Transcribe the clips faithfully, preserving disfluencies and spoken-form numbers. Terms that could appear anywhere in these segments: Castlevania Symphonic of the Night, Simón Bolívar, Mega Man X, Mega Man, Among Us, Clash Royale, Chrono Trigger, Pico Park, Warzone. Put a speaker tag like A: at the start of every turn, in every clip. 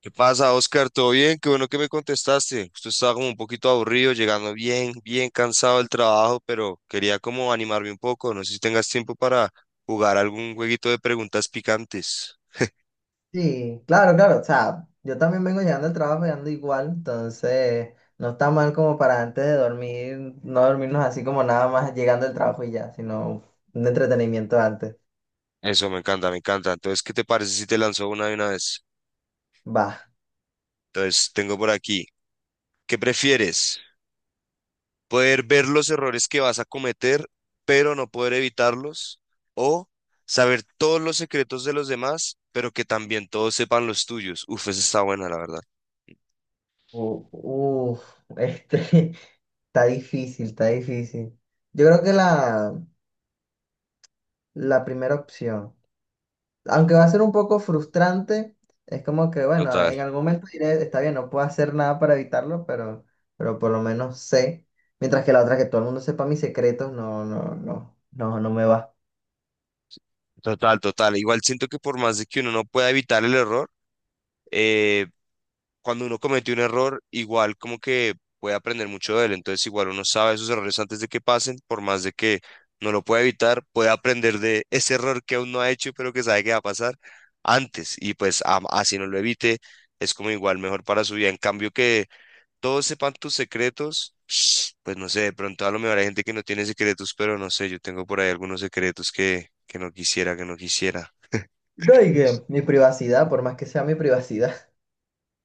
A: ¿Qué pasa, Oscar? ¿Todo bien? Qué bueno que me contestaste. Justo estaba como un poquito aburrido, llegando bien, bien cansado del trabajo, pero quería como animarme un poco. No sé si tengas tiempo para jugar algún jueguito de preguntas picantes.
B: Sí, claro, claro. O sea, yo también vengo llegando al trabajo llegando igual, entonces no está mal como para antes de dormir, no dormirnos así como nada más llegando al trabajo y ya, sino un entretenimiento antes.
A: Eso me encanta, me encanta. Entonces, ¿qué te parece si te lanzo una de una vez?
B: Va.
A: Entonces, tengo por aquí. ¿Qué prefieres? ¿Poder ver los errores que vas a cometer, pero no poder evitarlos? ¿O saber todos los secretos de los demás, pero que también todos sepan los tuyos? Uf, esa está buena, la verdad.
B: U- Uf, este, está difícil, está difícil. Yo creo que la, la primera opción. Aunque va a ser un poco frustrante, es como que, bueno,
A: Total.
B: en algún momento diré, está bien, no puedo hacer nada para evitarlo, pero, pero por lo menos sé. Mientras que la otra, que todo el mundo sepa mis secretos, no, no, no, no, no me va.
A: Total, total. Igual siento que por más de que uno no pueda evitar el error, eh, cuando uno comete un error, igual como que puede aprender mucho de él. Entonces, igual uno sabe esos errores antes de que pasen, por más de que no lo pueda evitar, puede aprender de ese error que aún no ha hecho, pero que sabe que va a pasar antes. Y pues a- así no lo evite, es como igual mejor para su vida. En cambio, que todos sepan tus secretos, pues no sé, de pronto a lo mejor hay gente que no tiene secretos, pero no sé, yo tengo por ahí algunos secretos que, que no quisiera, que no quisiera.
B: No, y que mi privacidad, por más que sea mi privacidad.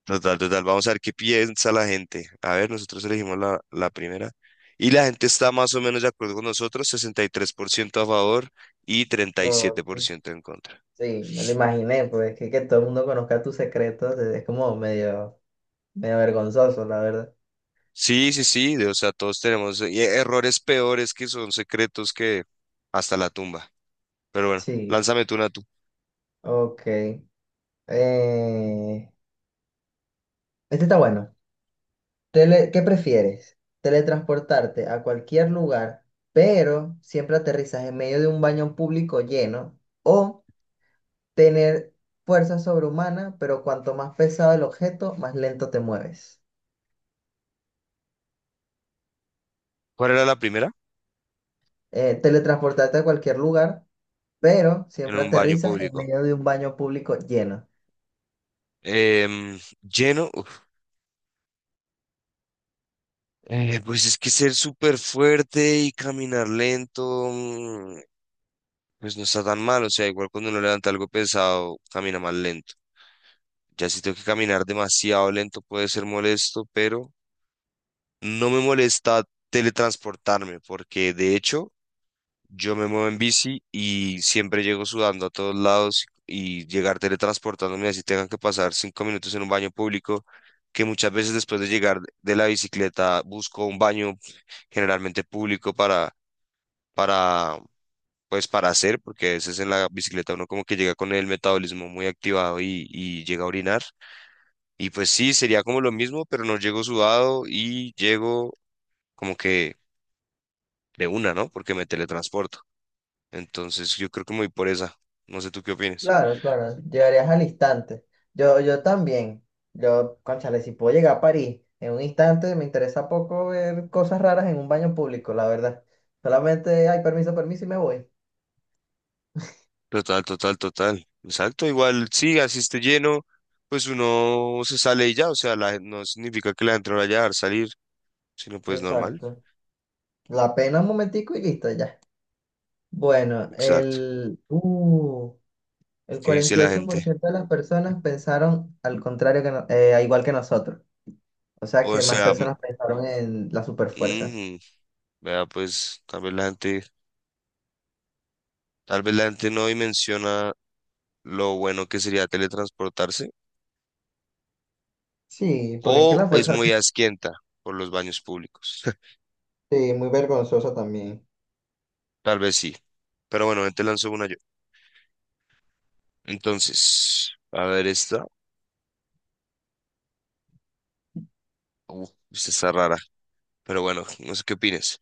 A: Total, total. Vamos a ver qué piensa la gente. A ver, nosotros elegimos la, la primera. Y la gente está más o menos de acuerdo con nosotros. Sesenta y tres por ciento a favor y treinta y siete por
B: Ok.
A: ciento en contra.
B: Sí, me lo imaginé, pues que, que todo el mundo conozca tus secretos, es es como medio, medio vergonzoso, la verdad.
A: Sí, sí, sí, de- o sea, todos tenemos eh, errores peores que son secretos que hasta la tumba. Pero bueno,
B: Sí,
A: lánzame tú una tú.
B: ok. Eh, este está bueno. Tele- ¿qué prefieres? Teletransportarte a cualquier lugar, pero siempre aterrizas en medio de un baño público lleno, o tener fuerza sobrehumana, pero cuanto más pesado el objeto, más lento te mueves.
A: ¿Cuál era la primera?
B: Eh, teletransportarte a cualquier lugar, pero
A: En
B: siempre
A: un baño
B: aterrizas en
A: público.
B: medio de un baño público lleno.
A: Em, lleno. Uf. Eh, pues es que ser súper fuerte y caminar lento. mm, Pues no está tan mal, o sea, igual cuando uno levanta algo pesado, camina más lento. Ya si tengo que caminar demasiado lento puede ser molesto, pero no me molesta teletransportarme, porque de hecho yo me muevo en bici y siempre llego sudando a todos lados y llegar teletransportándome así tengan que pasar cinco minutos en un baño público, que muchas veces después de llegar de la bicicleta busco un baño generalmente público para, para pues para hacer, porque a veces en la bicicleta uno como que llega con el metabolismo muy activado y, y llega a orinar. Y pues sí, sería como lo mismo, pero no llego sudado y llego como que de una, ¿no? Porque me teletransporto. Entonces yo creo que me voy por esa. No sé tú qué opinas.
B: Claro, claro, llegarías al instante. Yo, yo también. Yo, cónchale, si puedo llegar a París en un instante, me interesa poco ver cosas raras en un baño público, la verdad. Solamente hay permiso, permiso y me voy.
A: Total, total, total. Exacto, igual sí, así esté lleno, pues uno se sale y ya, o sea, la, gen- no significa que la gente no vaya a dejar salir, sino pues normal.
B: Exacto. La pena un momentico y listo, ya. Bueno,
A: Exacto.
B: el, uh, el
A: ¿Qué dice
B: cuarenta y
A: la
B: ocho por
A: gente?
B: ciento de las personas pensaron al contrario que no- eh, igual que nosotros. O sea
A: O
B: que más
A: sea,
B: personas pensaron en la superfuerza.
A: mm, Vea, pues tal vez la gente, tal vez la gente no dimensiona lo bueno que sería teletransportarse
B: Sí, porque es que
A: o
B: la
A: es
B: fuerza
A: muy asquienta por los baños públicos.
B: sí, muy vergonzosa también.
A: Tal vez sí. Pero bueno, ven, te lanzo una yo. Entonces, a ver esta. Uf, esta está rara. Pero bueno, no sé qué opinas.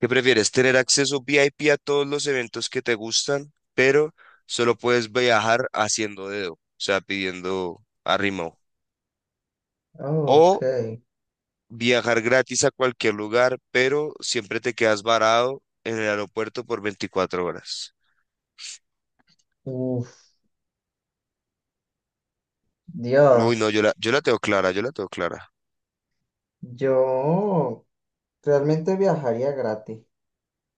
A: ¿Qué prefieres? ¿Tener acceso V I P a todos los eventos que te gustan, pero solo puedes viajar haciendo dedo? O sea, pidiendo arrimo.
B: Ok.
A: ¿O viajar gratis a cualquier lugar, pero siempre te quedas varado en el aeropuerto por veinticuatro horas?
B: Uf,
A: Uy, no, yo
B: Dios.
A: la, yo la tengo clara, yo la tengo clara.
B: Yo realmente viajaría gratis.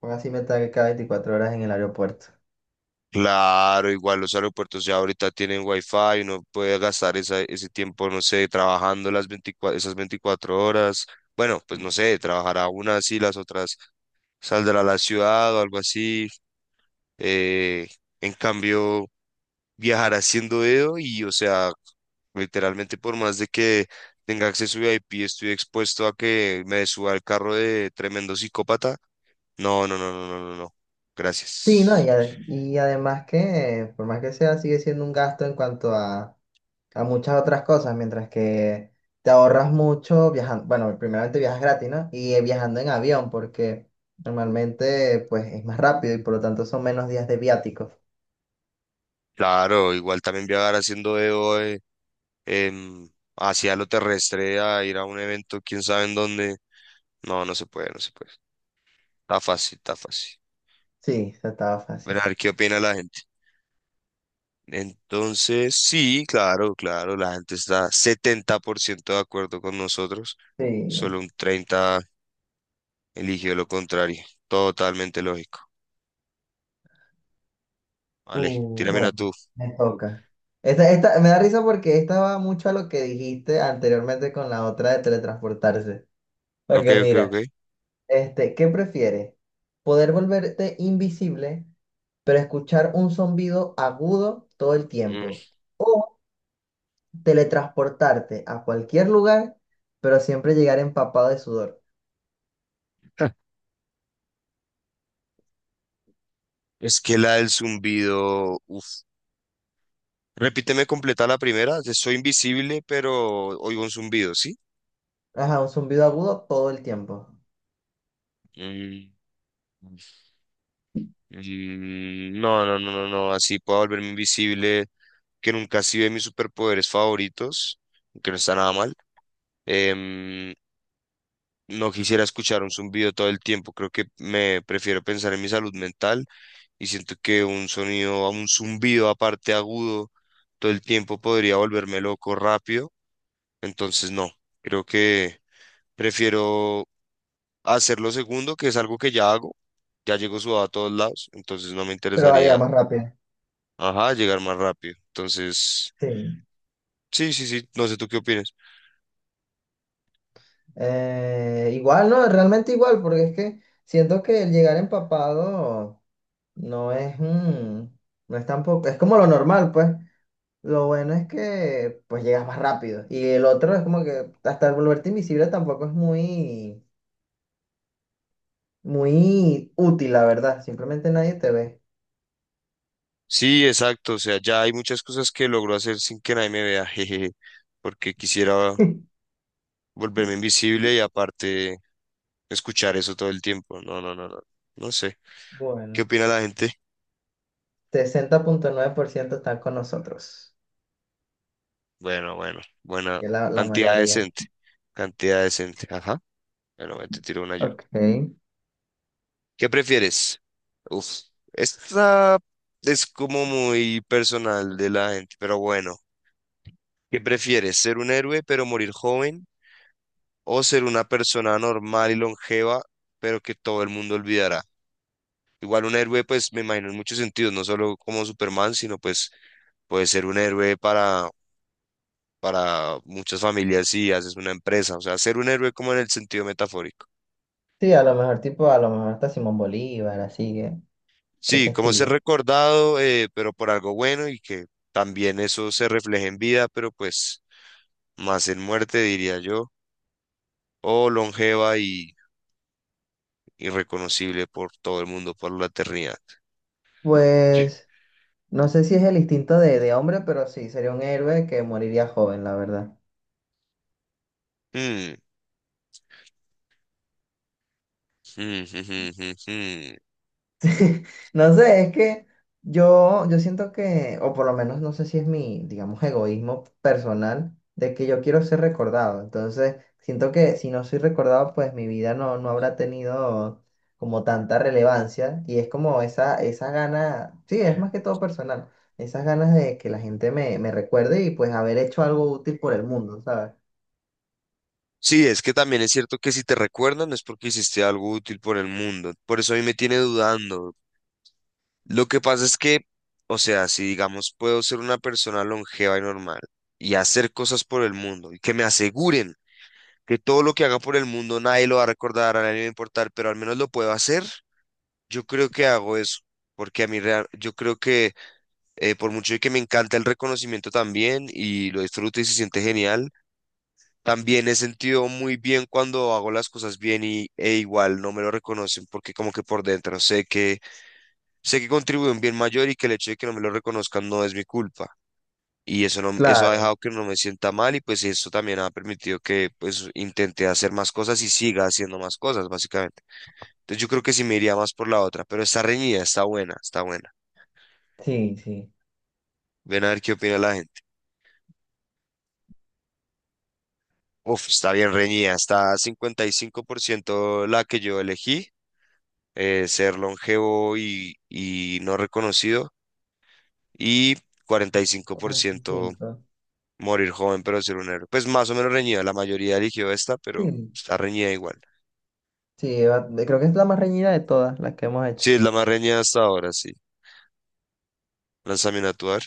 B: Porque así me estaré cada veinticuatro horas en el aeropuerto.
A: Claro, igual los aeropuertos ya ahorita tienen wifi, uno puede gastar esa- ese tiempo, no sé, trabajando las veinticuatro, esas veinticuatro horas. Bueno, pues no sé, trabajará unas y las otras saldrá a la ciudad o algo así. Eh, en cambio, viajar haciendo dedo y, o sea, literalmente, por más de que tenga acceso V I P, estoy expuesto a que me suba al carro de tremendo psicópata. No, no, no, no, no, no, no.
B: Sí, ¿no? Y,
A: Gracias.
B: a- y además que, por más que sea, sigue siendo un gasto en cuanto a, a muchas otras cosas, mientras que te ahorras mucho viajando. Bueno, primeramente viajas gratis, ¿no? Y eh, viajando en avión, porque normalmente pues es más rápido y por lo tanto son menos días de viáticos.
A: Claro, igual también viajar haciendo dedo eh, em, hacia lo terrestre a ir a un evento, quién sabe en dónde. No, no se puede, no se puede. Está fácil, está fácil.
B: Sí, eso estaba
A: Bueno,
B: fácil.
A: a ver qué opina la gente. Entonces, sí, claro, claro, la gente está setenta por ciento de acuerdo con nosotros,
B: Sí,
A: solo un treinta eligió lo contrario. Totalmente lógico. Vale,
B: Uh,
A: tírame una
B: bueno,
A: tú.
B: me toca. Esta, esta, me da risa porque esta va mucho a lo que dijiste anteriormente con la otra de teletransportarse.
A: Ok,
B: Porque
A: ok, ok.
B: mira, este, ¿qué prefieres? ¿Poder volverte invisible, pero escuchar un zumbido agudo todo el
A: Mm,
B: tiempo? ¿O teletransportarte a cualquier lugar, pero siempre llegar empapado de sudor?
A: Es que la del zumbido. Uf. Repíteme completa la primera. De Soy invisible, pero oigo un zumbido, ¿sí?
B: Ajá, un zumbido agudo todo el tiempo.
A: Mm, mm, No, no, no, no, no. Así puedo volverme invisible. Que nunca así de mis superpoderes favoritos. Que no está nada mal. Em, no quisiera escuchar un zumbido todo el tiempo. Creo que me prefiero pensar en mi salud mental, y siento que un sonido, un zumbido aparte agudo todo el tiempo podría volverme loco rápido. Entonces no, creo que prefiero hacerlo segundo, que es algo que ya hago. Ya llego sudado a todos lados, entonces no me
B: Pero va a llegar
A: interesaría,
B: más rápido.
A: ajá, llegar más rápido. Entonces,
B: Sí.
A: sí, sí, sí, no sé tú qué opinas.
B: Eh, igual, no, realmente igual, porque es que siento que el llegar empapado no es, mm, no es tampoco, es como lo normal, pues. Lo bueno es que pues llegas más rápido. Y el otro es como que hasta volverte invisible tampoco es muy, muy útil, la verdad. Simplemente nadie te ve.
A: Sí, exacto, o sea, ya hay muchas cosas que logro hacer sin que nadie me vea, jejeje, porque quisiera volverme invisible y aparte escuchar eso todo el tiempo. No, no, no, no, no sé. ¿Qué
B: Bueno,
A: opina la gente?
B: sesenta punto nueve por ciento están con nosotros,
A: Bueno, bueno, buena
B: que es la, la
A: cantidad
B: mayoría.
A: decente, cantidad decente, ajá. Bueno, me te tiro una yo.
B: Ok.
A: ¿Qué prefieres? Uf, esta es como muy personal de la gente, pero bueno. ¿Qué prefieres? ¿Ser un héroe pero morir joven? ¿O ser una persona normal y longeva pero que todo el mundo olvidará? Igual un héroe, pues me imagino en muchos sentidos, no solo como Superman, sino pues puede ser un héroe para para muchas familias si haces una empresa, o sea, ser un héroe como en el sentido metafórico.
B: Sí, a lo mejor tipo, a lo mejor hasta Simón Bolívar, así, eh,
A: Sí,
B: ese
A: como ser
B: estilo.
A: recordado, eh, pero por algo bueno y que también eso se refleje en vida, pero pues más en muerte, diría yo, o longeva y irreconocible por todo el mundo, por la eternidad. Sí.
B: Pues no sé si es el instinto de, de hombre, pero sí, sería un héroe que moriría joven, la verdad.
A: Mm, mm, mm, mm, mm. Mm.
B: No sé, es que yo, yo siento que, o por lo menos no sé si es mi, digamos, egoísmo personal, de que yo quiero ser recordado. Entonces, siento que si no soy recordado, pues mi vida no, no habrá tenido como tanta relevancia. Y es como esa, esa gana, sí, es más que todo personal, esas ganas de que la gente me, me recuerde y pues haber hecho algo útil por el mundo, ¿sabes?
A: Sí, es que también es cierto que si te recuerdan es porque hiciste algo útil por el mundo. Por eso a mí me tiene dudando. Lo que pasa es que, o sea, si digamos puedo ser una persona longeva y normal y hacer cosas por el mundo y que me aseguren que todo lo que haga por el mundo nadie lo va a recordar, a nadie le va a importar, pero al menos lo puedo hacer, yo creo que hago eso. Porque a mí, real- yo creo que eh, por mucho de que me encanta el reconocimiento también y lo disfruto y se siente genial, también he sentido muy bien cuando hago las cosas bien y, e igual no me lo reconocen porque como que por dentro sé que sé que contribuye un bien mayor y que el hecho de que no me lo reconozcan no es mi culpa. Y eso, no, eso ha
B: Claro.
A: dejado que no me sienta mal y pues eso también ha permitido que pues intente hacer más cosas y siga haciendo más cosas, básicamente. Entonces yo creo que sí me iría más por la otra, pero está reñida, está buena, está buena.
B: Sí, sí.
A: Ven a ver qué opina la gente. Uf, está bien reñida, está cincuenta y cinco por ciento la que yo elegí, eh, ser longevo y, y no reconocido, y
B: cuarenta y
A: cuarenta y cinco por ciento
B: cinco
A: morir joven, pero ser un héroe. Pues más o menos reñida. La mayoría eligió esta, pero
B: Sí,
A: está reñida igual.
B: sí, va- creo que es la más reñida de todas las que hemos hecho.
A: Sí, es la más reñida hasta ahora, sí. Lánzame a tuar.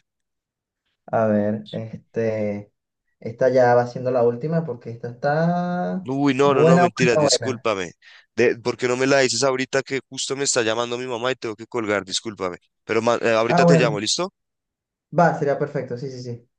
B: A ver, este, esta ya va siendo la última porque esta está
A: Uy, no, no, no,
B: buena,
A: mentira,
B: buena, buena.
A: discúlpame. De, ¿por qué no me la dices ahorita que justo me está llamando mi mamá y tengo que colgar? Discúlpame. Pero ma- eh,
B: Ah,
A: ahorita te llamo,
B: bueno,
A: ¿listo?
B: va, sería perfecto, sí, sí, sí.